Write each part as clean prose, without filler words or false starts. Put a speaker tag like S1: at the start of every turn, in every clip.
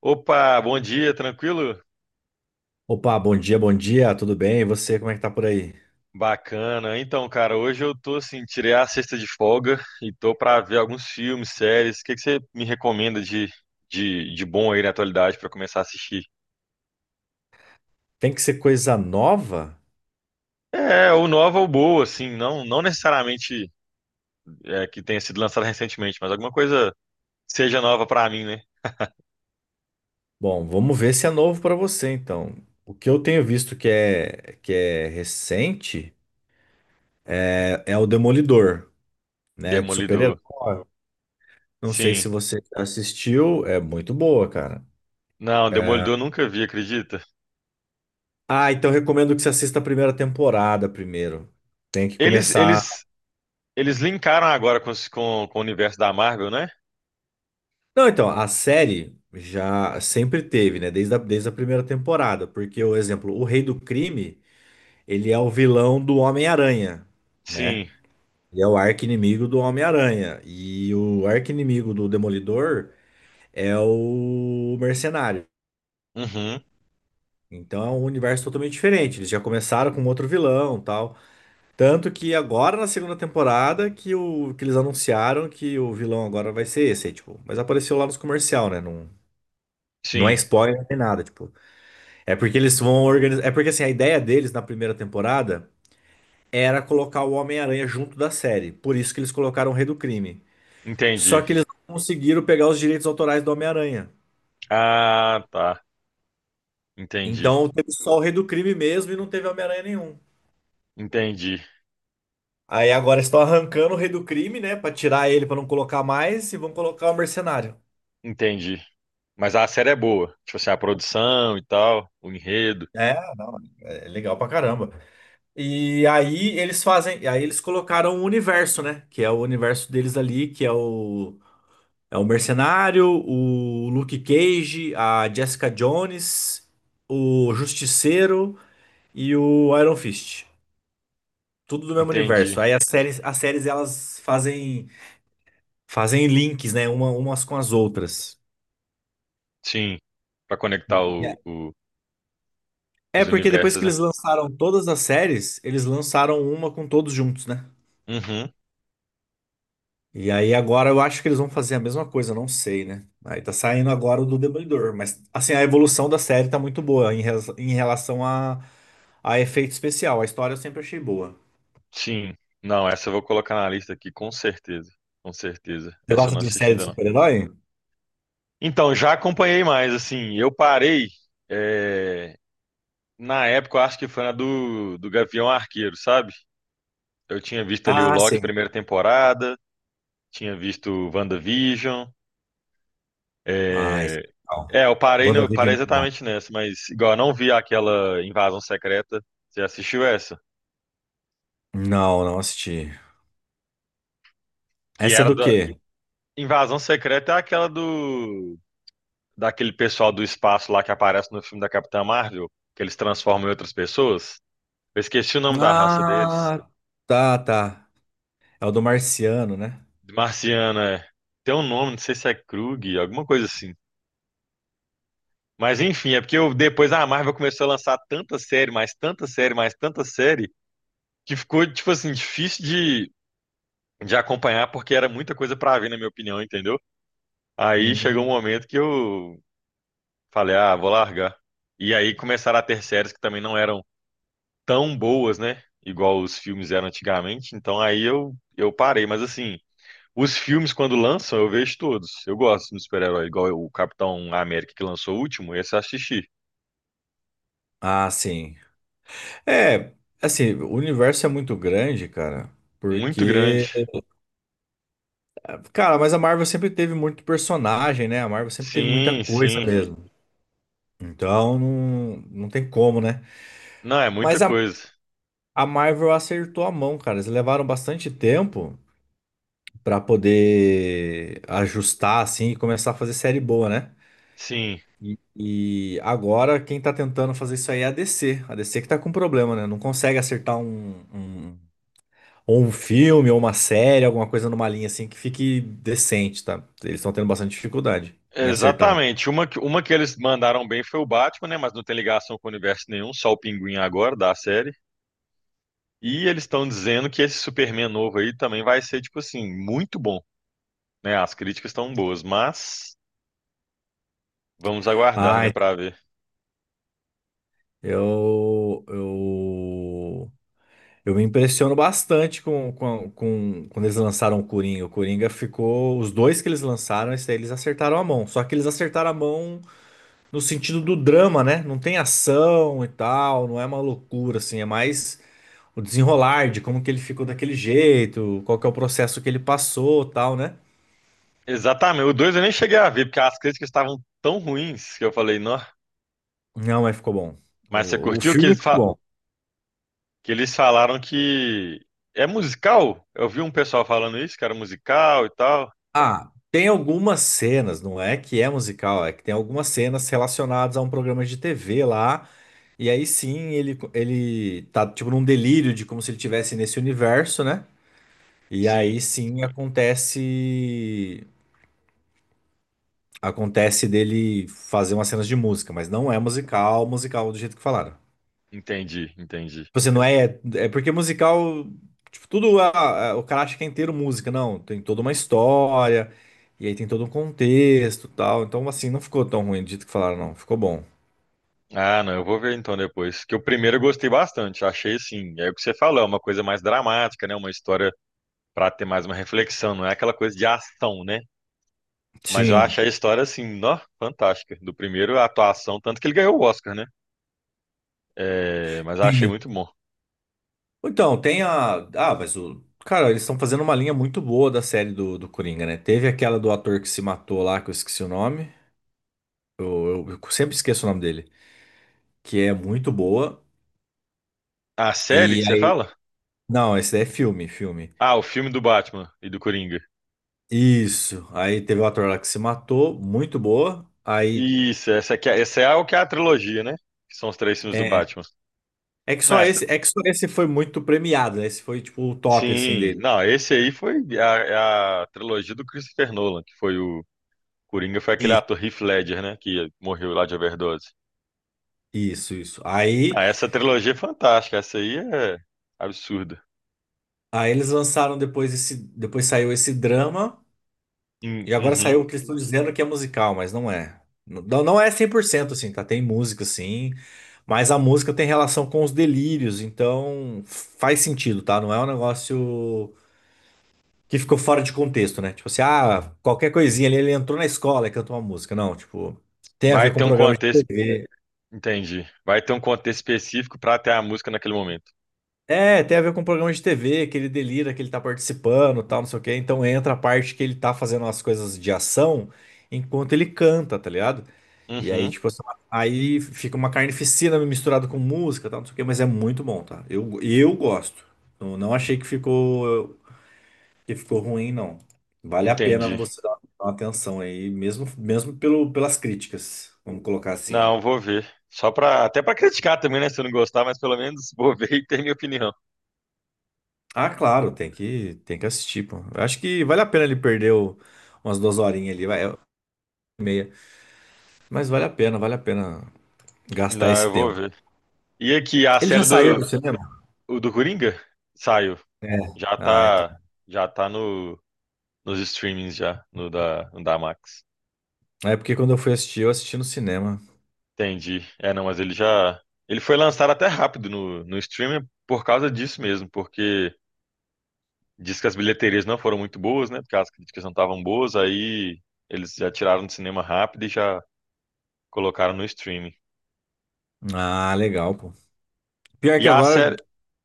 S1: Opa, bom dia, tranquilo?
S2: Opa, bom dia, tudo bem? E você, como é que tá por aí?
S1: Bacana. Então, cara, hoje eu tô assim, tirei a sexta de folga e tô pra ver alguns filmes, séries. O que que você me recomenda de bom aí na atualidade pra começar a assistir?
S2: Tem que ser coisa nova?
S1: É, ou nova ou boa, assim, não necessariamente que tenha sido lançada recentemente, mas alguma coisa que seja nova pra mim, né?
S2: Bom, vamos ver se é novo pra você, então. O que eu tenho visto que é recente é o Demolidor, né? De super-herói.
S1: Demolidor.
S2: Não sei
S1: Sim.
S2: se você assistiu, é muito boa, cara.
S1: Não, Demolidor eu nunca vi, acredita?
S2: Ah, então recomendo que você assista a primeira temporada primeiro. Tem que
S1: Eles,
S2: começar.
S1: eles, eles linkaram agora com com o universo da Marvel, né?
S2: Não, então, a série já sempre teve, né? Desde a primeira temporada, porque, o exemplo, o Rei do Crime. Ele é o vilão do Homem-Aranha, né?
S1: Sim.
S2: Ele é o arqui-inimigo do Homem-Aranha. E o arqui-inimigo do Demolidor é o Mercenário.
S1: Uhum.
S2: Então é um universo totalmente diferente. Eles já começaram com outro vilão, tal. Tanto que agora na segunda temporada que, o, que eles anunciaram que o vilão agora vai ser esse, aí, tipo, mas apareceu lá nos comercial, né? Não, não é
S1: Sim.
S2: spoiler, não tem nada, tipo. É porque eles vão organizar, é porque assim, a ideia deles na primeira temporada era colocar o Homem-Aranha junto da série. Por isso que eles colocaram o Rei do Crime. Só
S1: Entendi.
S2: que eles não conseguiram pegar os direitos autorais do Homem-Aranha.
S1: Ah, tá. Entendi.
S2: Então teve só o Rei do Crime mesmo e não teve Homem-Aranha nenhum.
S1: Entendi.
S2: Aí agora estão arrancando o Rei do Crime, né? Pra tirar ele, pra não colocar mais, e vão colocar o Mercenário.
S1: Entendi. Mas a série é boa. Tipo assim, a produção e tal, o enredo.
S2: É, não, é legal pra caramba. E aí eles fazem, aí eles colocaram o universo, né? Que é o universo deles ali, que é o É o Mercenário, o Luke Cage, a Jessica Jones, o Justiceiro e o Iron Fist. Tudo do mesmo
S1: Entendi.
S2: universo. Aí as séries elas fazem fazem links, né, uma, umas com as outras.
S1: Sim. Pra conectar
S2: É
S1: o-
S2: É
S1: os
S2: porque depois
S1: universos,
S2: que
S1: né?
S2: eles lançaram todas as séries, eles lançaram uma com todos juntos, né?
S1: Uhum.
S2: E aí agora eu acho que eles vão fazer a mesma coisa, não sei, né? Aí tá saindo agora o do Demolidor, mas assim, a evolução da série tá muito boa em, res- em relação a efeito especial. A história eu sempre achei boa.
S1: Sim. Não, essa eu vou colocar na lista aqui, com certeza. Com certeza.
S2: Você
S1: Essa eu
S2: gosta
S1: não
S2: de
S1: assisti
S2: série de
S1: ainda, não.
S2: super-herói?
S1: Então, já acompanhei mais, assim. Eu parei. é, Na época, eu acho que foi na do Gavião Arqueiro, sabe? Eu tinha visto ali o
S2: Ah,
S1: Loki,
S2: sim.
S1: primeira temporada. Tinha visto WandaVision.
S2: Ah, isso
S1: É,
S2: é legal.
S1: eu parei, no,
S2: WandaVision
S1: parei
S2: é muito bom.
S1: exatamente nessa, mas igual eu não vi aquela Invasão Secreta. Você assistiu essa?
S2: Não, não assisti.
S1: Que
S2: Essa é
S1: era
S2: do
S1: da.
S2: quê?
S1: Invasão Secreta é aquela do. Daquele pessoal do espaço lá que aparece no filme da Capitã Marvel, que eles transformam em outras pessoas. Eu esqueci o nome da raça deles.
S2: Ah, tá, tá. É o do Marciano, né?
S1: Marciana, é. Tem um nome, não sei se é Krug, alguma coisa assim. Mas enfim, é porque eu, depois a Marvel começou a lançar tanta série, mais tanta série, mais tanta série. Que ficou, tipo assim, difícil de acompanhar, porque era muita coisa pra ver, na minha opinião, entendeu? Aí chegou um
S2: Uhum.
S1: momento que eu falei, ah, vou largar. E aí começaram a ter séries que também não eram tão boas, né? Igual os filmes eram antigamente. Então aí eu parei. Mas assim, os filmes, quando lançam, eu vejo todos. Eu gosto de super-herói, igual o Capitão América que lançou o último, esse eu assisti.
S2: Ah, sim. É, assim, o universo é muito grande, cara,
S1: Muito grande.
S2: porque Cara, mas a Marvel sempre teve muito personagem, né? A Marvel sempre teve muita
S1: Sim,
S2: coisa
S1: sim.
S2: mesmo. Então não, não tem como, né?
S1: Não, é muita
S2: Mas
S1: coisa.
S2: a Marvel acertou a mão, cara. Eles levaram bastante tempo pra poder ajustar assim e começar a fazer série boa, né?
S1: Sim.
S2: E agora quem tá tentando fazer isso aí é a DC. A DC que tá com problema, né? Não consegue acertar um, um, ou um filme ou uma série, alguma coisa numa linha assim que fique decente, tá? Eles estão tendo bastante dificuldade em acertar.
S1: Exatamente. Uma que eles mandaram bem foi o Batman, né? Mas não tem ligação com o universo nenhum, só o Pinguim agora da série. E eles estão dizendo que esse Superman novo aí também vai ser, tipo assim, muito bom, né? As críticas estão boas, mas vamos aguardar, né,
S2: Ah,
S1: pra ver.
S2: Eu, eu, eu me impressiono bastante com- quando eles lançaram o Coringa. O Coringa ficou. Os dois que eles lançaram, esse daí eles acertaram a mão. Só que eles acertaram a mão no sentido do drama, né? Não tem ação e tal, não é uma loucura, assim. É mais o desenrolar de como que ele ficou daquele jeito, qual que é o processo que ele passou, e tal, né?
S1: Exatamente. O 2 eu nem cheguei a ver, porque as críticas estavam tão ruins que eu falei, não.
S2: Não, mas ficou bom.
S1: Mas você
S2: O
S1: curtiu
S2: filme ficou bom.
S1: que eles falaram que é musical? Eu vi um pessoal falando isso, que era musical e tal.
S2: Ah, tem algumas cenas, não é que é musical, é que tem algumas cenas relacionadas a um programa de TV lá, e aí sim ele tá tipo num delírio de como se ele estivesse nesse universo, né? E
S1: Sim,
S2: aí sim acontece acontece dele fazer umas cenas de música, mas não é musical, musical do jeito que falaram.
S1: entendi.
S2: Você não é. É porque musical. Tipo, tudo. A- o cara acha que é inteiro música. Não, tem toda uma história. E aí tem todo um contexto e tal. Então, assim, não ficou tão ruim do jeito que falaram, não. Ficou bom.
S1: Ah, não, eu vou ver então depois. Que o primeiro eu gostei bastante, achei assim, é o que você falou, é uma coisa mais dramática, né? Uma história para ter mais uma reflexão, não é aquela coisa de ação, né? Mas eu
S2: Sim,
S1: achei a história assim, ó, fantástica. Do primeiro a atuação, tanto que ele ganhou o Oscar, né? É, mas eu achei
S2: sim.
S1: muito bom.
S2: Então, tem a. Ah, mas o. Cara, eles estão fazendo uma linha muito boa da série do Coringa, né? Teve aquela do ator que se matou lá, que eu esqueci o nome. Eu sempre esqueço o nome dele. Que é muito boa.
S1: A série
S2: E
S1: que você
S2: aí.
S1: fala?
S2: Não, esse daí é filme, filme.
S1: Ah, o filme do Batman e do Coringa.
S2: Isso. Aí teve o ator lá que se matou, muito boa. Aí
S1: Isso, essa é o que é a trilogia, né? Que são os três filmes do
S2: é,
S1: Batman. Não, essa-
S2: é que só esse foi muito premiado, né? Esse foi tipo o top assim
S1: sim,
S2: dele.
S1: não, esse aí foi a trilogia do Christopher Nolan, que foi o Coringa, foi aquele
S2: Isso,
S1: ator Heath Ledger, né? Que morreu lá de overdose.
S2: isso.
S1: Ah,
S2: Aí,
S1: essa trilogia é fantástica. Essa aí é absurda.
S2: aí eles lançaram depois esse, depois saiu esse drama e agora
S1: Uhum.
S2: saiu o que eles estão dizendo que é musical, mas não é. Não, não é 100% assim, tá? Tem música sim, mas a música tem relação com os delírios, então faz sentido, tá? Não é um negócio que ficou fora de contexto, né? Tipo assim, ah, qualquer coisinha ali, ele entrou na escola e cantou uma música. Não, tipo, tem a ver
S1: Vai
S2: com
S1: ter um
S2: programa de
S1: contexto.
S2: TV.
S1: Entendi. Vai ter um contexto específico pra ter a música naquele momento.
S2: É, tem a ver com programa de TV, que ele delira, que ele tá participando, tal, não sei o quê. Então entra a parte que ele tá fazendo as coisas de ação enquanto ele canta, tá ligado? E aí,
S1: Uhum.
S2: tipo assim, aí fica uma carnificina misturada com música, tal, não sei o quê, mas é muito bom, tá? Eu gosto. Não, não achei que ficou ruim, não. Vale a pena
S1: Entendi.
S2: você dar uma atenção aí, mesmo, mesmo pelo, pelas críticas, vamos colocar assim.
S1: Não, vou ver. Só pra. Até pra criticar também, né? Se eu não gostar, mas pelo menos vou ver e ter minha opinião.
S2: Ah, claro, tem que assistir, pô. Eu acho que vale a pena ele perder o- umas duas horinhas ali, vai, meia. Mas vale a pena gastar
S1: Não,
S2: esse
S1: eu vou
S2: tempo.
S1: ver. E aqui,
S2: Ele já saiu do cinema?
S1: o do Coringa saiu.
S2: É.
S1: Já
S2: Ah, então.
S1: tá. Já tá nos streamings já, no da Max.
S2: É porque quando eu fui assistir, eu assisti no cinema.
S1: Entendi. É, não, mas ele já. Ele foi lançado até rápido no streaming por causa disso mesmo, porque diz que as bilheterias não foram muito boas, né? Porque as críticas não estavam boas, aí eles já tiraram do cinema rápido e já colocaram no streaming.
S2: Ah, legal, pô. Pior
S1: E
S2: que agora.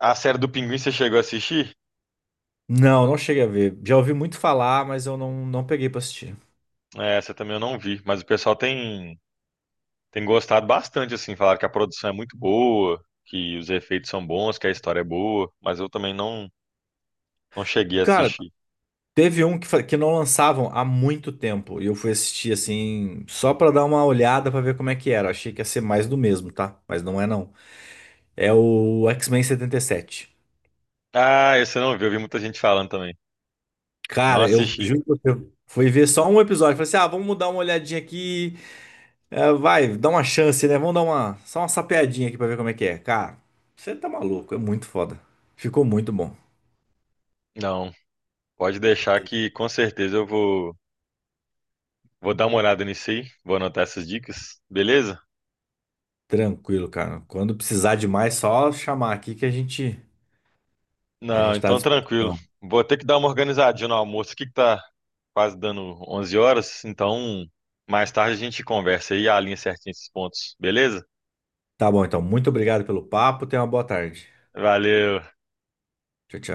S1: a série do Pinguim, você chegou a assistir?
S2: Não, não cheguei a ver. Já ouvi muito falar, mas eu não, não peguei pra assistir.
S1: É, Essa também eu não vi, mas o pessoal tem gostado bastante, assim, falaram que a produção é muito boa, que os efeitos são bons, que a história é boa, mas eu também não cheguei a
S2: Cara,
S1: assistir.
S2: teve um que, fa- que não lançavam há muito tempo e eu fui assistir assim, só pra dar uma olhada pra ver como é que era. Achei que ia ser mais do mesmo, tá? Mas não é não. É o X-Men 77.
S1: Ah, esse eu não vi, eu vi muita gente falando também. Não
S2: Cara, eu
S1: assisti.
S2: juro que eu fui ver só um episódio. Falei assim: ah, vamos dar uma olhadinha aqui. É, vai, dá uma chance, né? Vamos dar uma, só uma sapeadinha aqui pra ver como é que é. Cara, você tá maluco, é muito foda. Ficou muito bom.
S1: Não. Pode deixar que com certeza eu vou dar uma olhada nisso aí. Vou anotar essas dicas, beleza?
S2: Tranquilo, cara. Quando precisar de mais, só chamar aqui a
S1: Não,
S2: gente tá à
S1: então tranquilo.
S2: disposição.
S1: Vou ter que dar uma organizadinha no almoço aqui que tá quase dando 11 horas. Então, mais tarde a gente conversa aí e alinha certinho esses pontos, beleza?
S2: Tá bom, então. Muito obrigado pelo papo. Tenha uma boa tarde.
S1: Valeu.
S2: Tchau, tchau.